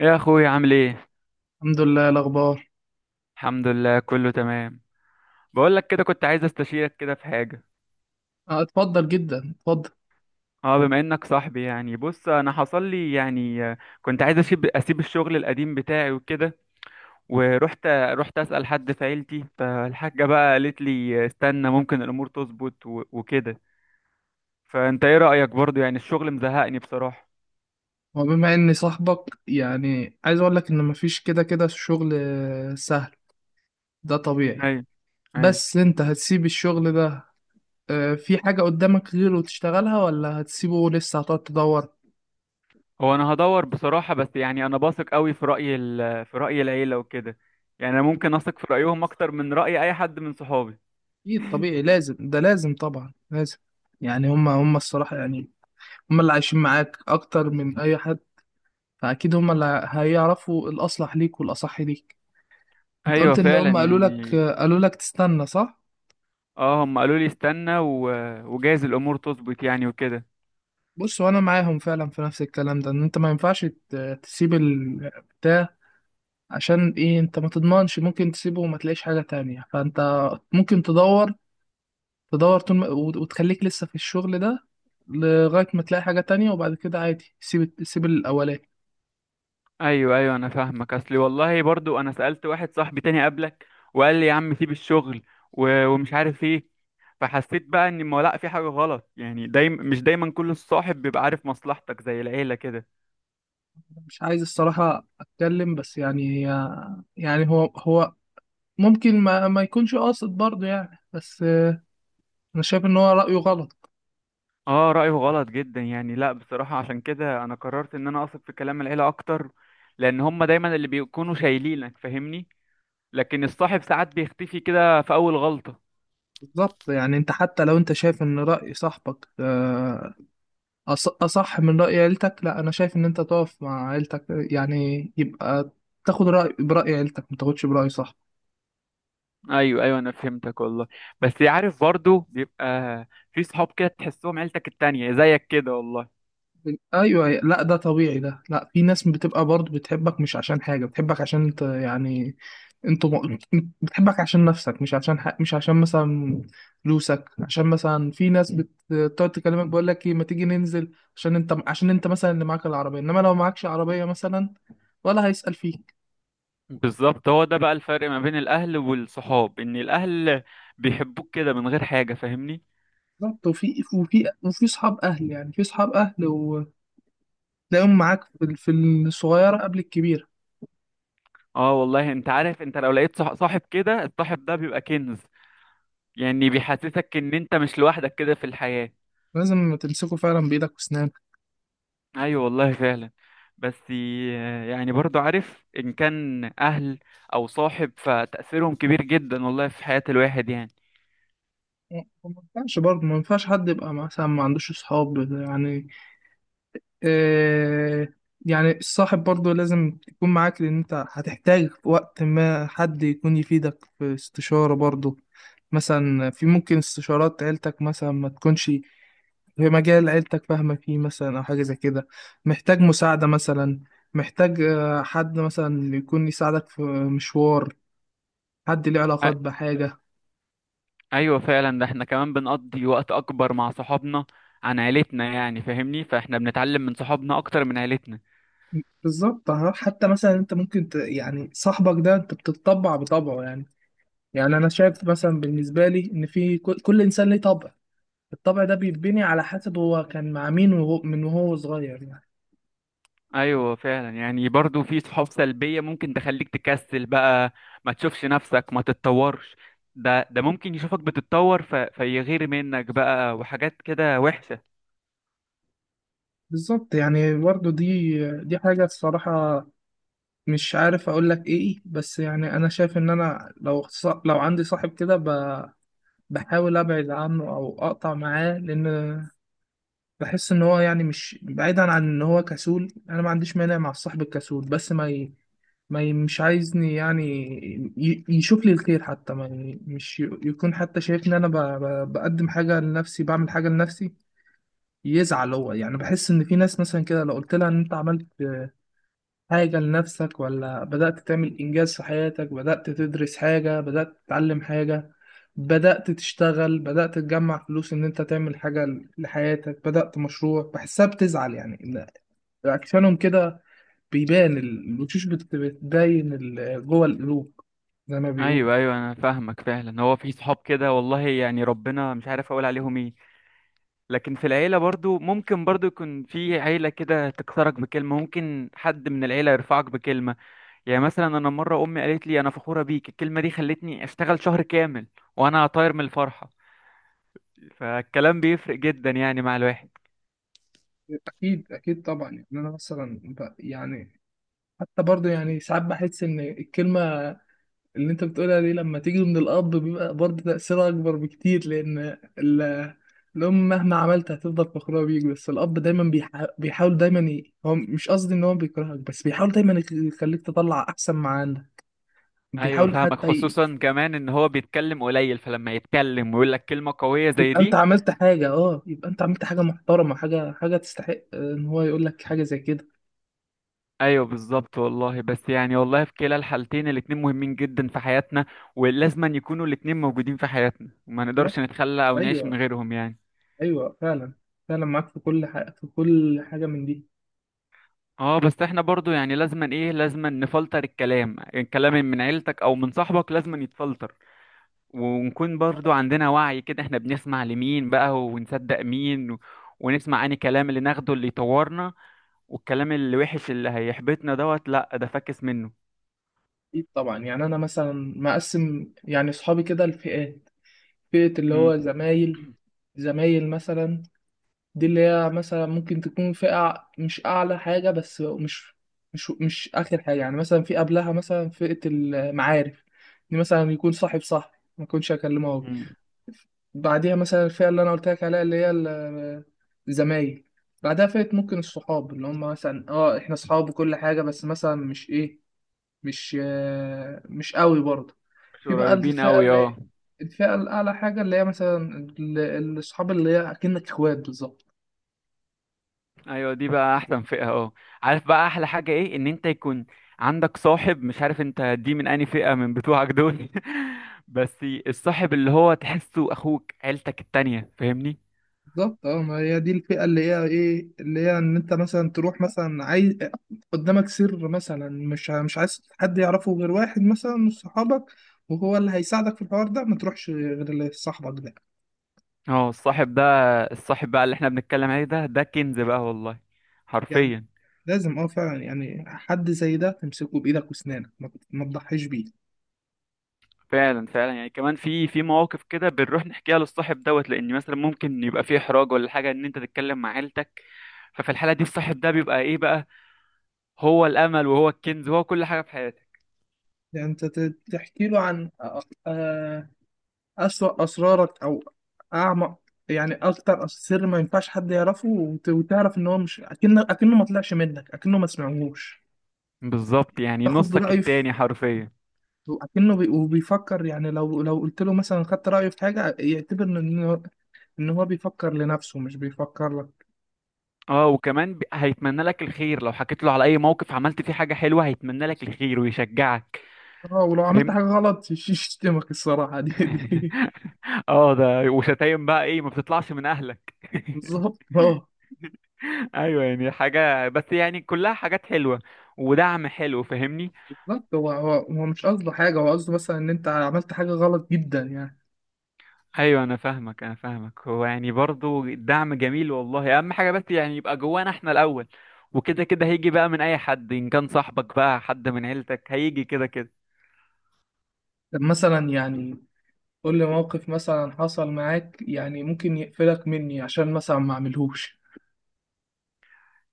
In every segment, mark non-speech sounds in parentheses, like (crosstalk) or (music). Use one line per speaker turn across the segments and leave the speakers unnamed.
يا اخوي عامل ايه؟
الحمد لله. إيه الأخبار؟
الحمد لله، كله تمام. بقول لك كده، كنت عايز استشيرك كده في حاجه.
اتفضل، جدا اتفضل.
اه، بما انك صاحبي يعني بص، انا حصل لي يعني كنت عايز اسيب الشغل القديم بتاعي وكده. ورحت اسال حد في عيلتي، فالحاجه بقى قالت لي استنى، ممكن الامور تظبط وكده. فانت ايه رايك؟ برضو يعني الشغل مزهقني بصراحه.
وبما إني صاحبك يعني عايز أقول لك إن مفيش كده كده شغل سهل. ده طبيعي.
ايوه، ايوه.
بس أنت هتسيب الشغل ده؟ في حاجة قدامك غيره تشتغلها، ولا هتسيبه لسه هتقعد تدور؟
هو انا هدور بصراحه، بس يعني انا باثق قوي في في راي العيله وكده. يعني انا ممكن اثق في رايهم اكتر من راي اي حد من صحابي.
أكيد طبيعي لازم، ده لازم طبعا، لازم. يعني هما الصراحة يعني، هما اللي عايشين معاك أكتر من أي حد، فأكيد هما اللي هيعرفوا الأصلح ليك والأصح ليك. أنت
ايوه
قلت إن
فعلا
هما قالوا لك،
يعني.
قالوا لك تستنى، صح؟
اه، هم قالوا لي استنى وجايز الامور تظبط يعني وكده.
بص، وانا معاهم فعلا في نفس الكلام ده، ان انت ما ينفعش تسيب البتاع. عشان ايه؟ انت ما تضمنش ممكن تسيبه وما تلاقيش حاجة تانية، فانت ممكن تدور. تدور طول ما، وتخليك لسه في الشغل ده لغاية ما تلاقي حاجة تانية، وبعد كده عادي سيب سيب الأولاني.
ايوه ايوه، انا فاهمك. اصلي والله برضو انا سالت واحد صاحبي تاني قبلك وقال لي يا عم سيب الشغل، ومش عارف ايه. فحسيت بقى ان ما لا في حاجه غلط، يعني مش دايما كل الصاحب بيبقى عارف مصلحتك زي العيله كده.
مش عايز الصراحة أتكلم، بس يعني، يعني هو ممكن ما يكونش قاصد برضه يعني، بس أنا شايف إن هو رأيه غلط.
اه، رايه غلط جدا يعني. لا بصراحه، عشان كده انا قررت ان انا اثق في كلام العيله اكتر، لان هم دايما اللي بيكونوا شايلينك، فاهمني. لكن الصاحب ساعات بيختفي كده في اول غلطه.
بالظبط، يعني أنت حتى لو أنت شايف إن رأي صاحبك أصح من رأي عيلتك، لا أنا شايف إن أنت تقف مع عيلتك، يعني يبقى تاخد رأي برأي عيلتك ما تاخدش برأي صح.
ايوه ايوه، انا فهمتك والله. بس عارف، برضو بيبقى في صحاب كده تحسهم عيلتك التانية زيك كده والله.
أيوه أيوه. لا ده طبيعي، ده لا، في ناس بتبقى برضه بتحبك مش عشان حاجة، بتحبك عشان أنت يعني، أنت م... بتحبك عشان نفسك، مش عشان مش عشان مثلا فلوسك، عشان مثلا في ناس بتقعد تكلمك بقول لك إيه ما تيجي ننزل، عشان أنت، عشان أنت مثلا اللي معاك العربية، إنما لو معكش عربية مثلا ولا هيسأل فيك.
بالظبط، هو ده بقى الفرق ما بين الاهل والصحاب، ان الاهل بيحبوك كده من غير حاجة، فاهمني.
بالظبط، وفي اصحاب اهل، يعني في اصحاب اهل وتلاقيهم معاك في في الصغيره قبل الكبيره.
اه والله، انت عارف انت لو لقيت صاحب كده، الصاحب ده بيبقى كنز. يعني بيحسسك ان انت مش لوحدك كده في الحياة.
لازم تمسكه فعلا بايدك واسنانك.
ايوه والله فعلا. بس يعني برضو عارف ان كان اهل او صاحب، فتأثيرهم كبير جدا والله في حياة الواحد يعني.
ما ينفعش برضه، ما ينفعش حد يبقى مثلا ما عندوش اصحاب يعني، آه. يعني الصاحب برضه لازم يكون معاك، لان انت هتحتاج في وقت ما حد يكون يفيدك في استشاره برضه، مثلا في ممكن استشارات عيلتك مثلا ما تكونش في مجال عيلتك فاهمة فيه مثلا، أو حاجة زي كده. محتاج مساعدة مثلا، محتاج حد مثلا يكون يساعدك في مشوار، حد ليه علاقات بحاجة.
ايوه فعلا. ده احنا كمان بنقضي وقت اكبر مع صحابنا عن عيلتنا، يعني فاهمني. فاحنا بنتعلم من صحابنا اكتر من عيلتنا.
بالظبط حتى مثلا أنت يعني صاحبك ده أنت بتطبع بطبعه يعني، يعني أنا شايف مثلا بالنسبة لي إن في كل إنسان ليه طبع، الطبع ده بيتبني على حسب هو كان مع مين، وهو صغير يعني.
ايوه فعلا. يعني برضو في صحاب سلبية ممكن تخليك تكسل بقى، ما تشوفش نفسك ما تتطورش. ده ممكن يشوفك بتتطور، فيغير منك بقى وحاجات كده وحشة.
بالظبط، يعني برضه دي حاجة الصراحة. مش عارف اقول لك ايه، بس يعني انا شايف ان انا لو لو عندي صاحب كده، بحاول ابعد عنه او اقطع معاه، لان بحس ان هو يعني مش بعيدا عن ان هو كسول. انا ما عنديش مانع مع الصاحب الكسول، بس ما ي... ما ي... مش عايزني يعني يشوف لي الخير، حتى ما ي... مش ي... يكون حتى شايفني انا بقدم حاجة لنفسي، بعمل حاجة لنفسي، يزعل هو يعني. بحس ان في ناس مثلا كده لو قلت لها ان انت عملت حاجة لنفسك، ولا بدأت تعمل إنجاز في حياتك، بدأت تدرس حاجة، بدأت تتعلم حاجة، بدأت تشتغل، بدأت تجمع فلوس، إن أنت تعمل حاجة لحياتك، بدأت مشروع، بحسها بتزعل يعني، إن عكسانهم كده. بيبان الوشوش، بتبين جوه القلوب، زي ما بيقولوا.
ايوه ايوه، انا فاهمك فعلا. هو في صحاب كده والله، يعني ربنا، مش عارف اقول عليهم ايه. لكن في العيلة برضو، ممكن برضو يكون في عيلة كده تكسرك بكلمة، ممكن حد من العيلة يرفعك بكلمة. يعني مثلا أنا مرة أمي قالت لي أنا فخورة بيك، الكلمة دي خلتني أشتغل شهر كامل وأنا طاير من الفرحة. فالكلام بيفرق جدا يعني مع الواحد.
أكيد أكيد طبعا، يعني أنا مثلا يعني حتى برضه يعني ساعات بحس إن الكلمة اللي انت بتقولها دي لما تيجي من الاب بيبقى برضه تأثيرها اكبر بكتير، لان الام مهما عملت هتفضل فخورة بيك، بس الاب دايما بيحاول دايما هو مش قصدي ان هو بيكرهك، بس بيحاول دايما يخليك تطلع احسن ما عندك.
أيوة
بيحاول
فاهمك،
حتى
خصوصا كمان إن هو بيتكلم قليل، فلما يتكلم ويقول لك كلمة قوية زي
يبقى انت
دي.
عملت حاجة، اه يبقى انت عملت حاجة محترمة، حاجة، حاجة تستحق ان هو يقول لك حاجة زي كده.
أيوة بالظبط والله. بس يعني والله في كلا الحالتين، الاتنين مهمين جدا في حياتنا، ولازما يكونوا الاتنين موجودين في حياتنا وما
لا
نقدرش نتخلى أو نعيش من
ايوه
غيرهم يعني.
ايوه، فعلا فعلا معاك، في كل حاجة، في كل حاجة من دي.
اه بس احنا برضو يعني لازما ايه، لازما نفلتر الكلام، من عيلتك او من صاحبك لازما يتفلتر، ونكون برضو عندنا وعي كده، احنا بنسمع لمين بقى ونصدق مين ونسمع انهي كلام اللي ناخده اللي يطورنا، والكلام اللي وحش اللي هيحبطنا دوت لا ده فاكس منه.
اكيد طبعا، يعني انا مثلا مقسم يعني اصحابي كده لفئات. فئة اللي
امم.
هو زمايل، زمايل مثلا، دي اللي هي مثلا ممكن تكون فئة مش أعلى حاجة، بس مش آخر حاجة، يعني مثلا في قبلها مثلا فئة المعارف، دي مثلا يكون صاحب صاحبي ما يكونش أكلمه هو. بعديها مثلا الفئة اللي أنا قلت لك عليها اللي هي الزمايل. بعدها فئة ممكن الصحاب اللي هم مثلا اه احنا صحاب وكل حاجة، بس مثلا مش ايه، مش قوي برضه.
مش
في بقى
قريبين
الفئة
قوي اه.
اللي، الفئة الأعلى حاجة اللي هي مثلا الأصحاب اللي هي أكنك إخوات بالظبط.
ايوه دي بقى احسن فئه اهو. عارف بقى احلى حاجه ايه؟ ان انت يكون عندك صاحب، مش عارف انت دي من انهي فئه من بتوعك دول. (laughs) بس الصاحب اللي هو تحسه اخوك، عيلتك التانية، فاهمني.
بالظبط اه، ما هي دي الفئة اللي هي إيه، اللي هي إن أنت مثلا تروح مثلا عايز قدامك سر مثلا، مش عايز حد يعرفه غير واحد مثلا من صحابك، وهو اللي هيساعدك في الحوار ده، ما تروحش غير اللي صاحبك ده
اه الصاحب ده، الصاحب بقى اللي احنا بنتكلم عليه ده كنز بقى والله،
يعني.
حرفيا.
لازم، اه فعلا، يعني حد زي ده تمسكه بإيدك وأسنانك، ما تضحيش بيه.
فعلا فعلا، يعني كمان في مواقف كده بنروح نحكيها للصاحب دوت، لان مثلا ممكن يبقى في احراج ولا حاجه ان انت تتكلم مع عيلتك. ففي الحاله دي الصاحب ده بيبقى ايه بقى، هو الامل وهو الكنز وهو كل حاجه في حياتك.
يعني انت تحكي له عن آه، أسوأ أسرارك، أو أعمق، يعني أكتر سر ما ينفعش حد يعرفه، وتعرف إن هو مش، أكنه، أكنه ما طلعش منك، أكنه ما سمعهوش.
بالظبط، يعني
تاخد
نصك
رأيه في،
التاني حرفيا.
أكنه وبيفكر يعني، لو لو قلت له مثلا، خدت رأيه في حاجة يعتبر إن إن هو بيفكر لنفسه مش بيفكر لك.
اه، وكمان هيتمنى لك الخير لو حكيت له على اي موقف عملت فيه حاجة حلوة، هيتمنى لك الخير ويشجعك،
اه ولو عملت
فاهمني.
حاجة غلط (laughs) يشتمك الصراحة (laughs) دي.
(laughs) اه ده، وشتايم بقى ايه ما بتطلعش من اهلك. (laughs)
بالظبط اه.
ايوه يعني حاجة، بس يعني كلها حاجات حلوة ودعم حلو، فاهمني.
بالظبط، هو مش قصده حاجة، هو قصده مثلا إن أنت عملت حاجة غلط جدا يعني.
ايوه، انا فاهمك انا فاهمك، هو يعني برضو الدعم جميل والله، اهم حاجة بس يعني يبقى جوانا احنا الاول، وكده كده هيجي بقى من اي حد، ان كان صاحبك بقى حد من عيلتك هيجي كده كده.
طب مثلا يعني قول لي موقف مثلا حصل معاك، يعني ممكن يقفلك مني عشان مثلا ما اعملهوش.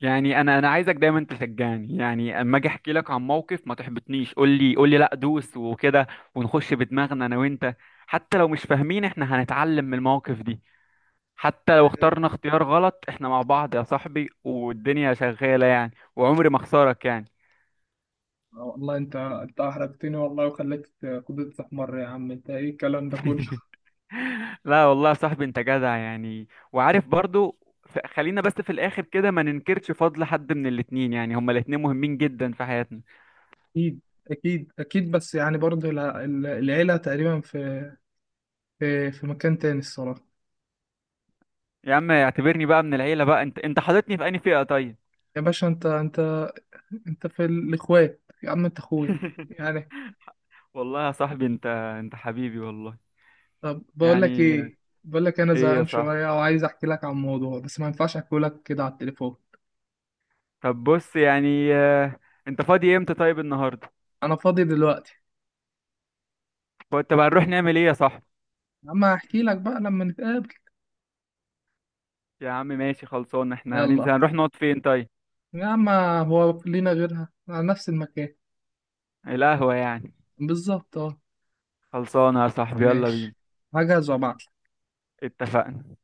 يعني انا عايزك دايما تشجعني، يعني اما اجي احكي لك عن موقف ما تحبطنيش، قول لي قول لي لا، دوس وكده، ونخش بدماغنا انا وانت. حتى لو مش فاهمين احنا هنتعلم من المواقف دي. حتى لو اخترنا
آه،
اختيار غلط، احنا مع بعض يا صاحبي، والدنيا شغالة يعني، وعمري ما اخسرك يعني.
والله انت احرجتني والله، وخليت قدرتي تحمر، يا عم انت ايه الكلام ده كله.
(laughs) لا والله يا صاحبي، انت جدع يعني، وعارف برضو. خلينا بس في الاخر كده ما ننكرش فضل حد من الاتنين، يعني هما الاتنين مهمين جدا في حياتنا.
اكيد، اكيد اكيد، بس يعني برضه العيله تقريبا في في مكان تاني الصراحه.
يا عم اعتبرني بقى من العيلة بقى، انت حاططني في انهي فئة طيب؟
يا باشا انت في الاخوات، يا عم انت اخويا
(laughs)
يعني.
والله يا صاحبي، انت حبيبي والله.
طب بقول لك
يعني
ايه، بقول لك انا
ايه يا
زهقان
صاحبي؟
شويه وعايز احكي لك عن موضوع، بس ما ينفعش احكي لك كده على التليفون.
طب بص، يعني انت فاضي امتى طيب؟ النهارده؟
انا فاضي دلوقتي.
طب هنروح نعمل ايه يا صاحبي؟
اما احكي لك بقى لما نتقابل.
يا عم ماشي خلصان، احنا
يلا،
هننزل، هنروح نقعد فين طيب؟
يا اما هو لينا غيرها على نفس المكان؟
القهوة يعني.
بالظبط اه.
خلصانة يا صاحبي، يلا بينا.
ماشي، هجهز وابعت.
اتفقنا.